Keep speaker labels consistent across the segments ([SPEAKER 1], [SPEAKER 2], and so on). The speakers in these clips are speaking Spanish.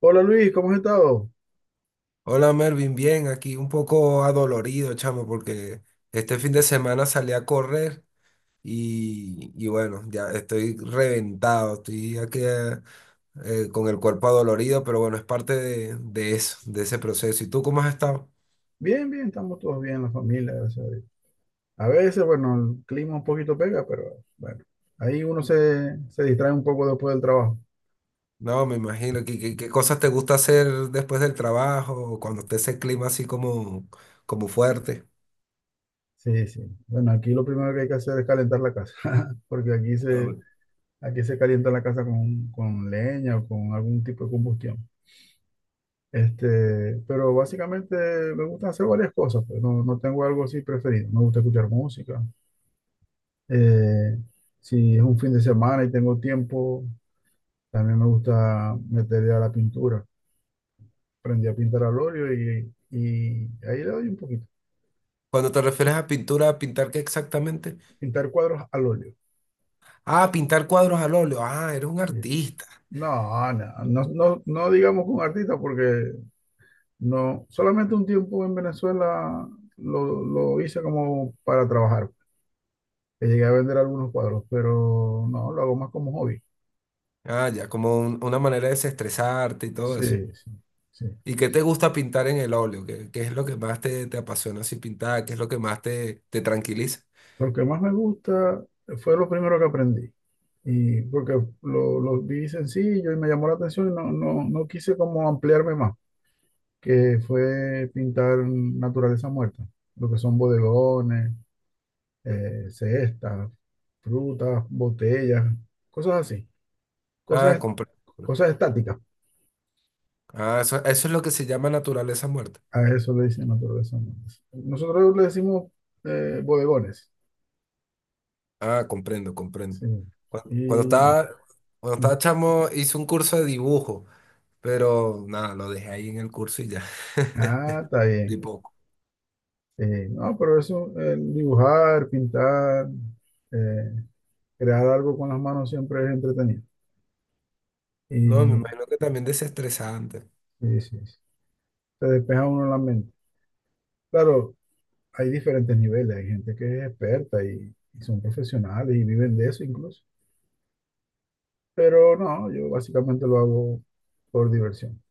[SPEAKER 1] Hola Luis, ¿cómo has estado?
[SPEAKER 2] Hola Mervin, bien, aquí un poco adolorido, chamo, porque este fin de semana salí a correr y bueno, ya estoy reventado, estoy aquí con el cuerpo adolorido, pero bueno, es parte de eso, de ese proceso. ¿Y tú cómo has estado?
[SPEAKER 1] Bien, bien, estamos todos bien, la familia, gracias a Dios. A veces, bueno, el clima un poquito pega, pero bueno, ahí uno se distrae un poco después del trabajo.
[SPEAKER 2] No, me imagino, ¿qué cosas te gusta hacer después del trabajo, cuando esté ese clima así como fuerte?
[SPEAKER 1] Sí, sí. Bueno, aquí lo primero que hay que hacer es calentar la casa, porque aquí
[SPEAKER 2] A
[SPEAKER 1] se,
[SPEAKER 2] ver.
[SPEAKER 1] aquí se calienta la casa con leña o con algún tipo de combustión. Pero básicamente me gusta hacer varias cosas, pues no, no tengo algo así preferido. Me gusta escuchar música. Eh, si es un fin de semana y tengo tiempo. También me gusta meterle a la pintura. Aprendí a pintar al óleo y ahí le doy un poquito.
[SPEAKER 2] Cuando te refieres a pintura, ¿a pintar qué exactamente?
[SPEAKER 1] Pintar cuadros al óleo.
[SPEAKER 2] Ah, pintar cuadros al óleo. Ah, eres un
[SPEAKER 1] Sí.
[SPEAKER 2] artista.
[SPEAKER 1] No, no, no, no, no digamos con artista porque no, solamente un tiempo en Venezuela lo hice como para trabajar. Que llegué a vender algunos cuadros, pero no, lo hago más como hobby.
[SPEAKER 2] Ah, ya, como una manera de desestresarte y todo
[SPEAKER 1] Sí,
[SPEAKER 2] eso.
[SPEAKER 1] sí, sí.
[SPEAKER 2] ¿Y qué te gusta pintar en el óleo? ¿Qué es lo que más te apasiona así pintar? ¿Qué es lo que más te tranquiliza?
[SPEAKER 1] Lo que más me gusta fue lo primero que aprendí. Y porque lo vi sencillo y me llamó la atención y no, no, no quise como ampliarme más, que fue pintar naturaleza muerta, lo que son bodegones, cestas, frutas, botellas, cosas así,
[SPEAKER 2] Ah,
[SPEAKER 1] cosas,
[SPEAKER 2] comprendo.
[SPEAKER 1] cosas estáticas.
[SPEAKER 2] Ah, eso es lo que se llama naturaleza muerta.
[SPEAKER 1] A eso le dicen naturaleza muerta. Nosotros le decimos bodegones.
[SPEAKER 2] Ah, comprendo, comprendo.
[SPEAKER 1] Sí.
[SPEAKER 2] Cuando, cuando
[SPEAKER 1] Y,
[SPEAKER 2] estaba, cuando estaba chamo hice un curso de dibujo, pero nada, lo dejé ahí en el curso y ya.
[SPEAKER 1] ah, está
[SPEAKER 2] Y
[SPEAKER 1] bien.
[SPEAKER 2] poco.
[SPEAKER 1] No, pero eso, el dibujar, pintar, eh, crear algo con las manos siempre es entretenido.
[SPEAKER 2] No, me
[SPEAKER 1] Y
[SPEAKER 2] imagino que también desestresante.
[SPEAKER 1] sí, sí, sí. Te despeja uno la mente. Claro, hay diferentes niveles, hay gente que es experta y son profesionales y viven de eso incluso. Pero no, yo básicamente lo hago por diversión.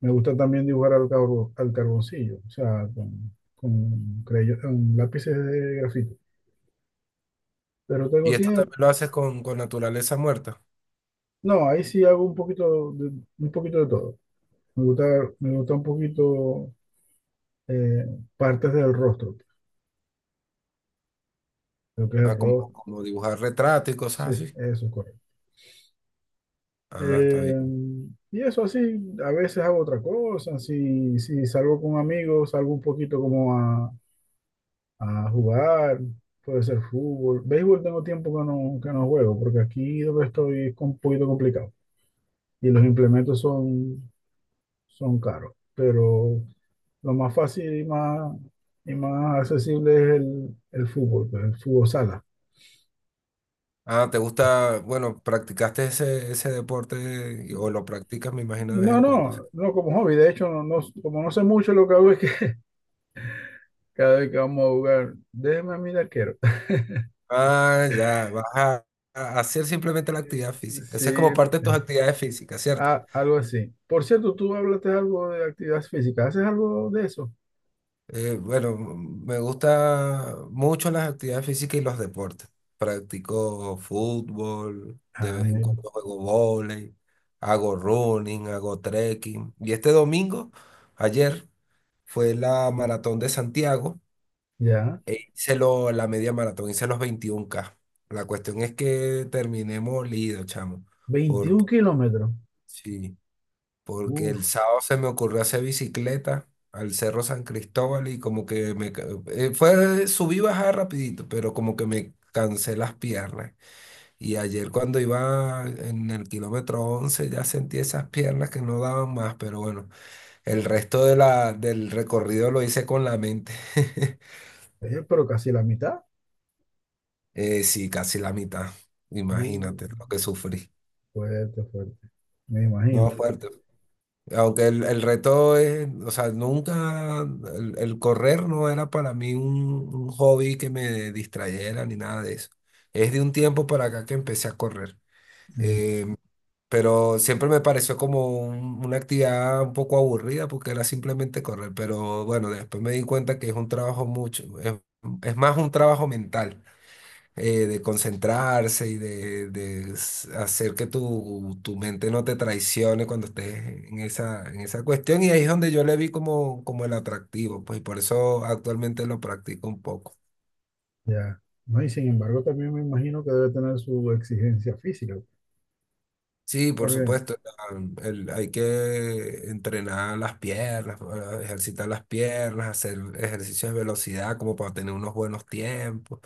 [SPEAKER 1] Me gusta también dibujar al carboncillo, o sea, con, con lápices de grafito. Pero tengo
[SPEAKER 2] Y esto
[SPEAKER 1] tiempo.
[SPEAKER 2] también lo haces con naturaleza muerta.
[SPEAKER 1] No, ahí sí hago un poquito de todo. Me gusta, me gusta un poquito eh, partes del rostro. Lo que es el
[SPEAKER 2] Ah, como,
[SPEAKER 1] rostro.
[SPEAKER 2] como dibujar retratos y
[SPEAKER 1] Sí,
[SPEAKER 2] cosas así.
[SPEAKER 1] eso es correcto.
[SPEAKER 2] Ah, está
[SPEAKER 1] Eh,
[SPEAKER 2] bien.
[SPEAKER 1] y eso así, a veces hago otra cosa. Si, si salgo con amigos, salgo un poquito como a jugar. Puede ser fútbol. Béisbol tengo tiempo que no juego, porque aquí donde estoy es un poquito complicado. Y los implementos son, son caros. Pero lo más fácil y más accesible es el fútbol, pues, el fútbol sala.
[SPEAKER 2] Ah, ¿te gusta? Bueno, ¿practicaste ese deporte o lo practicas, me imagino, de vez
[SPEAKER 1] No,
[SPEAKER 2] en cuando?
[SPEAKER 1] no, no como hobby. De hecho, no, como no sé mucho, lo que hago es que cada vez que vamos a jugar, déjeme a mí de arquero.
[SPEAKER 2] Ah, ya, vas a hacer simplemente la actividad física.
[SPEAKER 1] Sí,
[SPEAKER 2] Esa es como parte de tus actividades físicas, ¿cierto?
[SPEAKER 1] algo así. Por cierto, tú hablaste algo de actividad física. ¿Haces algo de eso?
[SPEAKER 2] Bueno, me gusta mucho las actividades físicas y los deportes. Practico fútbol, de
[SPEAKER 1] Ah,
[SPEAKER 2] vez en
[SPEAKER 1] mira.
[SPEAKER 2] cuando juego vóley, hago running, hago trekking. Y este domingo, ayer, fue la maratón de Santiago.
[SPEAKER 1] Ya.
[SPEAKER 2] E hice la media maratón, hice los 21 k. La cuestión es que terminé molido, chamo.
[SPEAKER 1] veintiún
[SPEAKER 2] Porque,
[SPEAKER 1] kilómetros.
[SPEAKER 2] sí, porque
[SPEAKER 1] Uf,
[SPEAKER 2] el sábado se me ocurrió hacer bicicleta al Cerro San Cristóbal y como que me fue subí y bajar rapidito, pero como que me cansé las piernas. Y ayer cuando iba en el kilómetro 11 ya sentí esas piernas que no daban más, pero bueno, el resto del recorrido lo hice con la mente.
[SPEAKER 1] pero casi la mitad.
[SPEAKER 2] Sí, casi la mitad.
[SPEAKER 1] Uh,
[SPEAKER 2] Imagínate lo que sufrí.
[SPEAKER 1] fuerte, fuerte. Me imagino
[SPEAKER 2] No,
[SPEAKER 1] yo.
[SPEAKER 2] fuerte. Aunque el reto es, o sea, nunca, el correr no era para mí un hobby que me distrayera ni nada de eso. Es de un tiempo para acá que empecé a correr.
[SPEAKER 1] Mm,
[SPEAKER 2] Eh, pero siempre me pareció como una actividad un poco aburrida porque era simplemente correr. Pero bueno, después me di cuenta que es un trabajo mucho, es más un trabajo mental, de concentrarse y de hacer que tu mente no te traicione cuando estés en esa cuestión. Y ahí es donde yo le vi como el atractivo, pues y por eso actualmente lo practico un poco.
[SPEAKER 1] ya. No, y sin embargo, también me imagino que debe tener su exigencia física.
[SPEAKER 2] Sí, por
[SPEAKER 1] Porque,
[SPEAKER 2] supuesto, hay que entrenar las piernas, ejercitar las piernas, hacer ejercicios de velocidad como para tener unos buenos tiempos.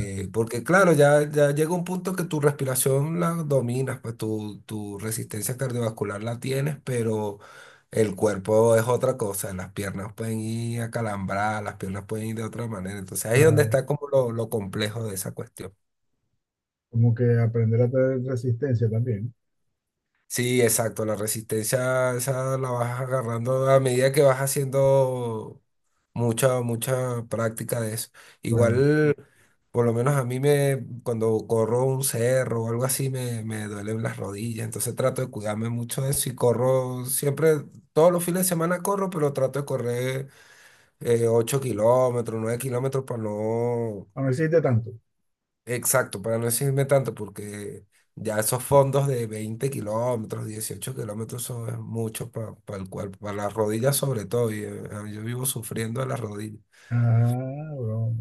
[SPEAKER 1] ah,
[SPEAKER 2] porque claro, ya llega un punto que tu respiración la dominas, pues tu resistencia cardiovascular la tienes, pero el cuerpo es otra cosa, las piernas pueden ir acalambradas, las piernas pueden ir de otra manera. Entonces ahí es donde
[SPEAKER 1] claro,
[SPEAKER 2] está como lo complejo de esa cuestión.
[SPEAKER 1] como que aprender a tener resistencia también,
[SPEAKER 2] Sí, exacto, la resistencia esa la vas agarrando a medida que vas haciendo mucha, mucha práctica de eso.
[SPEAKER 1] claro.
[SPEAKER 2] Igual, por lo menos a mí me, cuando corro un cerro o algo así, me duelen las rodillas, entonces trato de cuidarme mucho de eso y corro siempre, todos los fines de semana corro, pero trato de correr 8 kilómetros, 9 kilómetros para no.
[SPEAKER 1] Ah, no existe tanto.
[SPEAKER 2] Exacto, para no decirme tanto, porque ya esos fondos de 20 kilómetros, 18 kilómetros, son es mucho para el cuerpo, para las rodillas sobre todo, y yo vivo sufriendo de las rodillas.
[SPEAKER 1] Ah, broma.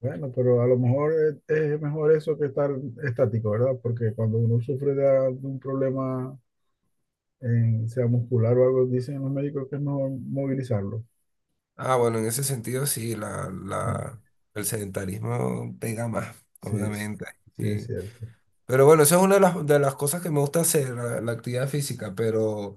[SPEAKER 1] Bueno, pero a lo mejor es mejor eso que estar estático, ¿verdad? Porque cuando uno sufre de de un problema, en, sea muscular o algo, dicen los médicos que es mejor movilizarlo.
[SPEAKER 2] Ah, bueno, en ese sentido sí,
[SPEAKER 1] Sí,
[SPEAKER 2] el sedentarismo pega más,
[SPEAKER 1] sí, sí,
[SPEAKER 2] obviamente.
[SPEAKER 1] sí, es
[SPEAKER 2] Sí.
[SPEAKER 1] cierto.
[SPEAKER 2] Pero bueno, eso es una de las cosas que me gusta hacer, la actividad física, pero.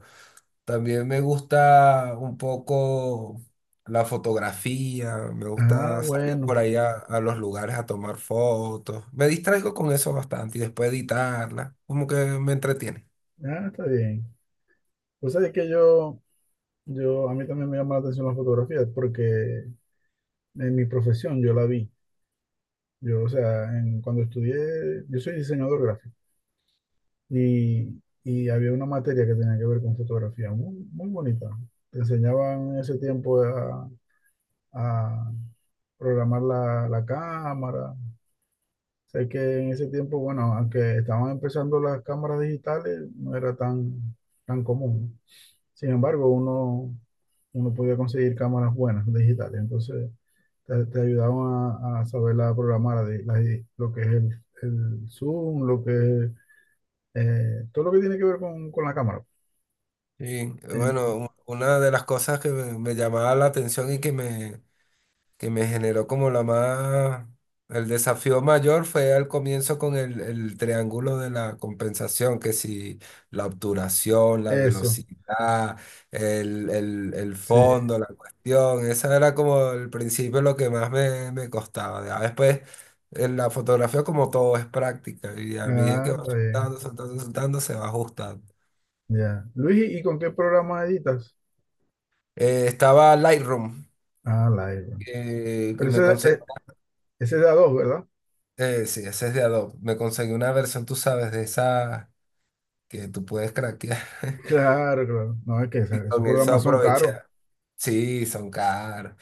[SPEAKER 2] También me gusta un poco la fotografía, me
[SPEAKER 1] Ah,
[SPEAKER 2] gusta salir
[SPEAKER 1] bueno.
[SPEAKER 2] por ahí a los lugares a tomar fotos. Me distraigo con eso bastante y después editarla, como que me entretiene.
[SPEAKER 1] Ah, está bien. Pues sabes que yo, a mí también me llama la atención la fotografía porque en mi profesión yo la vi. Yo, o sea, cuando estudié, yo soy diseñador gráfico. Y había una materia que tenía que ver con fotografía, muy, muy bonita. Te enseñaban en ese tiempo a programar la, la cámara. Sé que en ese tiempo, bueno, aunque estaban empezando las cámaras digitales, no era tan, tan común. Sin embargo, uno, uno podía conseguir cámaras buenas, digitales. Entonces, te ayudaban a saber la programar, lo que es el zoom, lo que es todo lo que tiene que ver con la cámara.
[SPEAKER 2] Sí, bueno, una de las cosas que me llamaba la atención y que me generó como la más. El desafío mayor fue al comienzo con el triángulo de la compensación, que si la obturación, la
[SPEAKER 1] Eso,
[SPEAKER 2] velocidad, el
[SPEAKER 1] sí.
[SPEAKER 2] fondo, la cuestión, esa era como el principio lo que más me costaba. Ya después, en la fotografía como todo es práctica y a medida que
[SPEAKER 1] Ah,
[SPEAKER 2] va
[SPEAKER 1] está bien.
[SPEAKER 2] soltando, soltando, soltando, se va ajustando.
[SPEAKER 1] Ya. Luis, ¿y con qué programa editas?
[SPEAKER 2] Estaba Lightroom,
[SPEAKER 1] Ah, Lightroom.
[SPEAKER 2] que
[SPEAKER 1] Pero
[SPEAKER 2] me
[SPEAKER 1] ese,
[SPEAKER 2] conse-
[SPEAKER 1] ese es de a dos, ¿verdad?
[SPEAKER 2] Sí, ese es de Adobe. Me conseguí una versión, tú sabes, de esa que tú puedes craquear.
[SPEAKER 1] Claro, claro. No, es que
[SPEAKER 2] Y
[SPEAKER 1] esos
[SPEAKER 2] con eso, no,
[SPEAKER 1] programas son
[SPEAKER 2] aproveché.
[SPEAKER 1] caros.
[SPEAKER 2] Sí, son caros.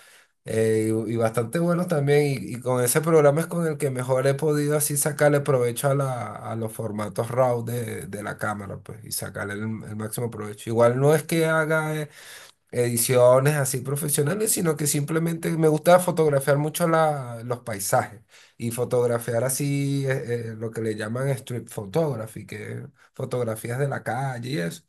[SPEAKER 2] Y bastante buenos también. Y con ese programa es con el que mejor he podido así sacarle provecho a los formatos RAW de la cámara, pues, y sacarle el máximo provecho. Igual no es que haga ediciones así profesionales, sino que simplemente me gusta fotografiar mucho los paisajes y fotografiar así lo que le llaman street photography, que es fotografías de la calle y eso.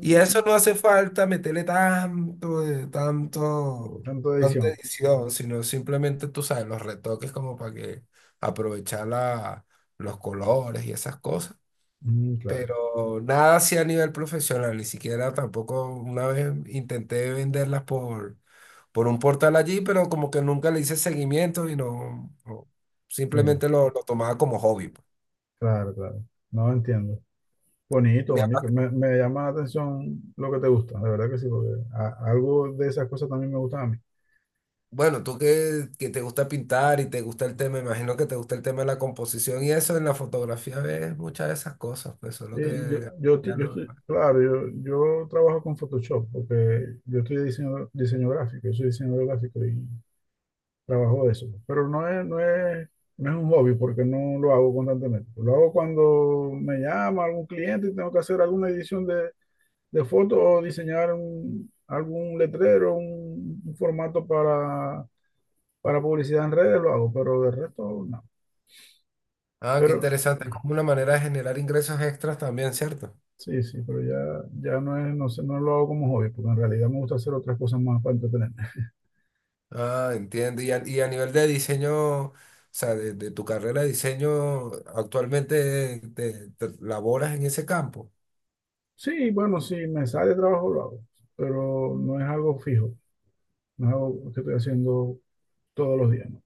[SPEAKER 2] Y a eso no hace falta meterle tanto, tanto,
[SPEAKER 1] tanto de
[SPEAKER 2] tanta
[SPEAKER 1] edición.
[SPEAKER 2] edición, sino simplemente, tú sabes, los retoques como para que aprovechar los colores y esas cosas
[SPEAKER 1] Mm, claro,
[SPEAKER 2] pero nada así a nivel profesional, ni siquiera tampoco una vez intenté venderlas por un portal allí, pero como que nunca le hice seguimiento y no, no,
[SPEAKER 1] sí,
[SPEAKER 2] simplemente lo tomaba como hobby, pues.
[SPEAKER 1] claro, claro. No entiendo. Bonito,
[SPEAKER 2] Me
[SPEAKER 1] bonito.
[SPEAKER 2] ha-
[SPEAKER 1] Me llama la atención lo que te gusta, de verdad que sí, porque algo de esas cosas también me gustan a mí.
[SPEAKER 2] Bueno, tú que te gusta pintar y te gusta el tema, imagino que te gusta el tema de la composición y eso, en la fotografía ves muchas de esas cosas, pues solo que ya no-
[SPEAKER 1] Claro, yo trabajo con Photoshop porque yo estoy diseño, diseño gráfico, yo soy diseñador gráfico y trabajo de eso. Pero no es, no es, no es un hobby porque no lo hago constantemente. Lo hago cuando me llama algún cliente y tengo que hacer alguna edición de foto o diseñar algún letrero, un formato para publicidad en redes, lo hago, pero de resto no.
[SPEAKER 2] Ah, qué
[SPEAKER 1] Pero,
[SPEAKER 2] interesante, es como una manera de generar ingresos extras también, ¿cierto?
[SPEAKER 1] Sí, sí, pero ya, ya no es, no sé, no lo hago como hobby, porque en realidad me gusta hacer otras cosas más para entretenerme.
[SPEAKER 2] Ah, entiendo. Y a nivel de diseño, o sea, de tu carrera de diseño, actualmente te laboras en ese campo.
[SPEAKER 1] Sí, bueno, si me sale trabajo lo hago, pero no es algo fijo, no es algo que estoy haciendo todos los días, ¿no?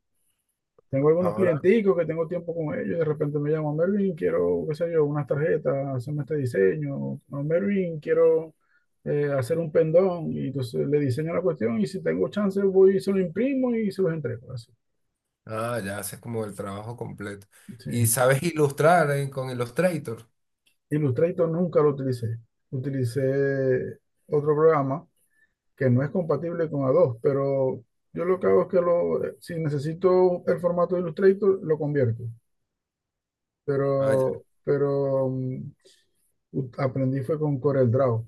[SPEAKER 1] Tengo algunos
[SPEAKER 2] Ahora,
[SPEAKER 1] clienticos que tengo tiempo con ellos, de repente me llaman, Mervin, quiero, qué sé yo, unas tarjetas, hacerme este diseño, o Mervin, quiero hacer un pendón, y entonces le diseño la cuestión, y si tengo chance voy y se lo imprimo y se los entrego, así.
[SPEAKER 2] ah, ya haces como el trabajo completo. Y
[SPEAKER 1] Sí.
[SPEAKER 2] sabes ilustrar con Illustrator.
[SPEAKER 1] Illustrator nunca lo utilicé. Utilicé otro programa que no es compatible con Adobe, pero yo lo que hago es que lo, si necesito el formato de Illustrator, lo convierto.
[SPEAKER 2] Ah, ya.
[SPEAKER 1] Pero aprendí fue con CorelDRAW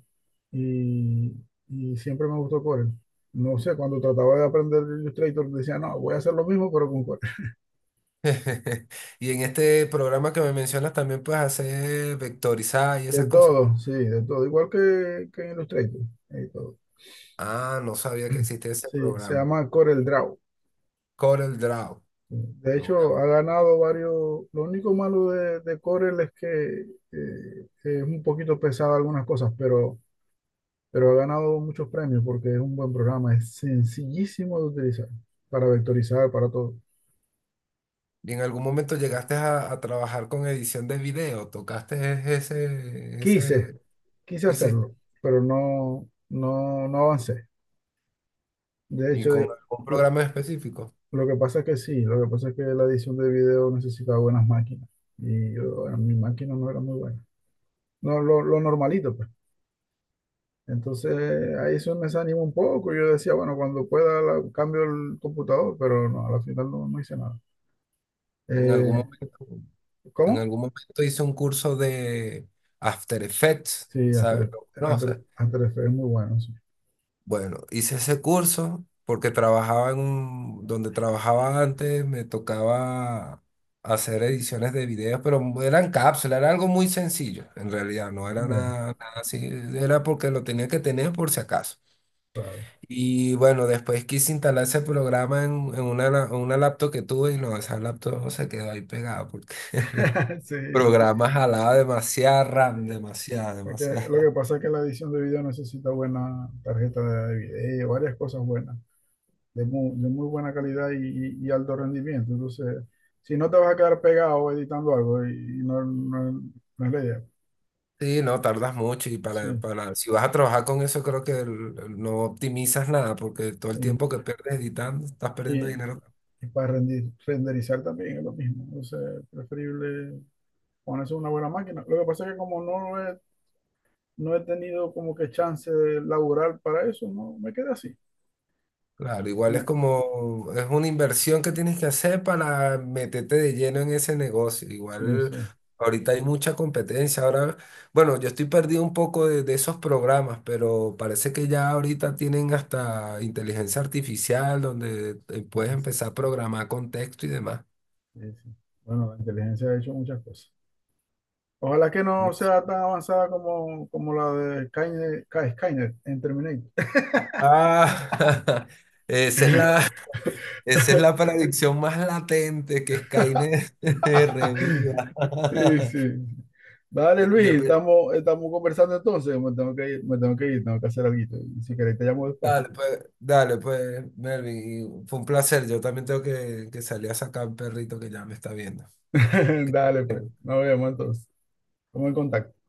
[SPEAKER 1] y, y siempre me gustó Corel. No sé, cuando trataba de aprender Illustrator, decía, no, voy a hacer lo mismo, pero con Corel.
[SPEAKER 2] Y en este programa que me mencionas también puedes hacer vectorizar y
[SPEAKER 1] De
[SPEAKER 2] esas cosas.
[SPEAKER 1] todo, sí, de todo. Igual que en Illustrator. Y todo.
[SPEAKER 2] Ah, no sabía que existía ese
[SPEAKER 1] Sí, se
[SPEAKER 2] programa.
[SPEAKER 1] llama CorelDRAW.
[SPEAKER 2] Corel Draw.
[SPEAKER 1] De
[SPEAKER 2] Lo voy a
[SPEAKER 1] hecho, ha
[SPEAKER 2] buscar.
[SPEAKER 1] ganado varios. Lo único malo de Corel es que es un poquito pesado algunas cosas, pero ha ganado muchos premios porque es un buen programa. Es sencillísimo de utilizar para vectorizar, para todo.
[SPEAKER 2] ¿Y en algún momento llegaste a trabajar con edición de video? ¿Tocaste e-, ese,
[SPEAKER 1] Quise,
[SPEAKER 2] ese,
[SPEAKER 1] quise
[SPEAKER 2] hiciste?
[SPEAKER 1] hacerlo, pero no, no, no avancé. De
[SPEAKER 2] ¿Y
[SPEAKER 1] hecho,
[SPEAKER 2] con
[SPEAKER 1] de-
[SPEAKER 2] algún
[SPEAKER 1] lo,
[SPEAKER 2] programa específico?
[SPEAKER 1] lo que pasa es que sí, lo que pasa es que la edición de video necesitaba buenas máquinas y yo, bueno, mi máquina no era muy buena. No, lo normalito, pues. Entonces ahí eso me desanimó un poco. Yo decía, bueno, cuando pueda cambio el computador, pero no, a la final no, no hice nada.
[SPEAKER 2] En
[SPEAKER 1] Eh,
[SPEAKER 2] algún momento, en
[SPEAKER 1] ¿Cómo?
[SPEAKER 2] algún momento hice un curso de After Effects,
[SPEAKER 1] Sí,
[SPEAKER 2] ¿sabes?
[SPEAKER 1] After,
[SPEAKER 2] ¿Lo conoces?
[SPEAKER 1] After Effects es muy bueno, sí.
[SPEAKER 2] Bueno, hice ese curso porque trabajaba donde trabajaba antes, me tocaba hacer ediciones de videos, pero eran cápsulas, era algo muy sencillo, en realidad, no era
[SPEAKER 1] Ya,
[SPEAKER 2] nada, nada así, era porque lo tenía que tener por si acaso.
[SPEAKER 1] claro.
[SPEAKER 2] Y bueno, después quise instalar ese programa en una laptop que tuve y no, esa laptop no se quedó ahí pegada porque el
[SPEAKER 1] Sí, sí.
[SPEAKER 2] programa jalaba demasiada
[SPEAKER 1] Sí.
[SPEAKER 2] RAM, demasiada,
[SPEAKER 1] Es que lo
[SPEAKER 2] demasiada.
[SPEAKER 1] que pasa es que la edición de video necesita buena tarjeta de video, varias cosas buenas, de muy buena calidad y, y alto rendimiento. Entonces, si no te vas a quedar pegado editando algo, y no, no, no es la idea.
[SPEAKER 2] Sí, no, tardas mucho y
[SPEAKER 1] Sí.
[SPEAKER 2] si vas a trabajar con eso creo que no optimizas nada porque todo el tiempo que pierdes editando, estás perdiendo
[SPEAKER 1] Y,
[SPEAKER 2] dinero.
[SPEAKER 1] Y para renderizar también es lo mismo. Entonces, preferible ponerse una buena máquina. Lo que pasa es que como no he, no he tenido como que chance de laburar para eso, no me quedé así.
[SPEAKER 2] Claro, igual es
[SPEAKER 1] Me-
[SPEAKER 2] como, es una inversión que tienes que hacer para meterte de lleno en ese negocio.
[SPEAKER 1] sí,
[SPEAKER 2] Igual
[SPEAKER 1] sí,
[SPEAKER 2] ahorita hay mucha competencia. Ahora, bueno, yo estoy perdido un poco de esos programas, pero parece que ya ahorita tienen hasta inteligencia artificial donde puedes
[SPEAKER 1] sí, sí,
[SPEAKER 2] empezar a programar con texto y demás.
[SPEAKER 1] sí. Bueno, la inteligencia ha hecho muchas cosas. Ojalá que
[SPEAKER 2] No.
[SPEAKER 1] no sea tan avanzada como, como la de Skynet, Skynet en Terminator.
[SPEAKER 2] Ah, esa es la, esa es la predicción más latente que Skynet reviva.
[SPEAKER 1] Sí, sí. Dale, Luis,
[SPEAKER 2] Yo, pe-
[SPEAKER 1] estamos, estamos conversando entonces. Me tengo que ir, me tengo que ir, tengo que hacer algo. Y si querés, te llamo después.
[SPEAKER 2] Dale, pues, Melvin, y fue un placer. Yo también tengo que salir a sacar un perrito que ya me está viendo.
[SPEAKER 1] Dale, pues. Nos vemos entonces. Estamos en contacto.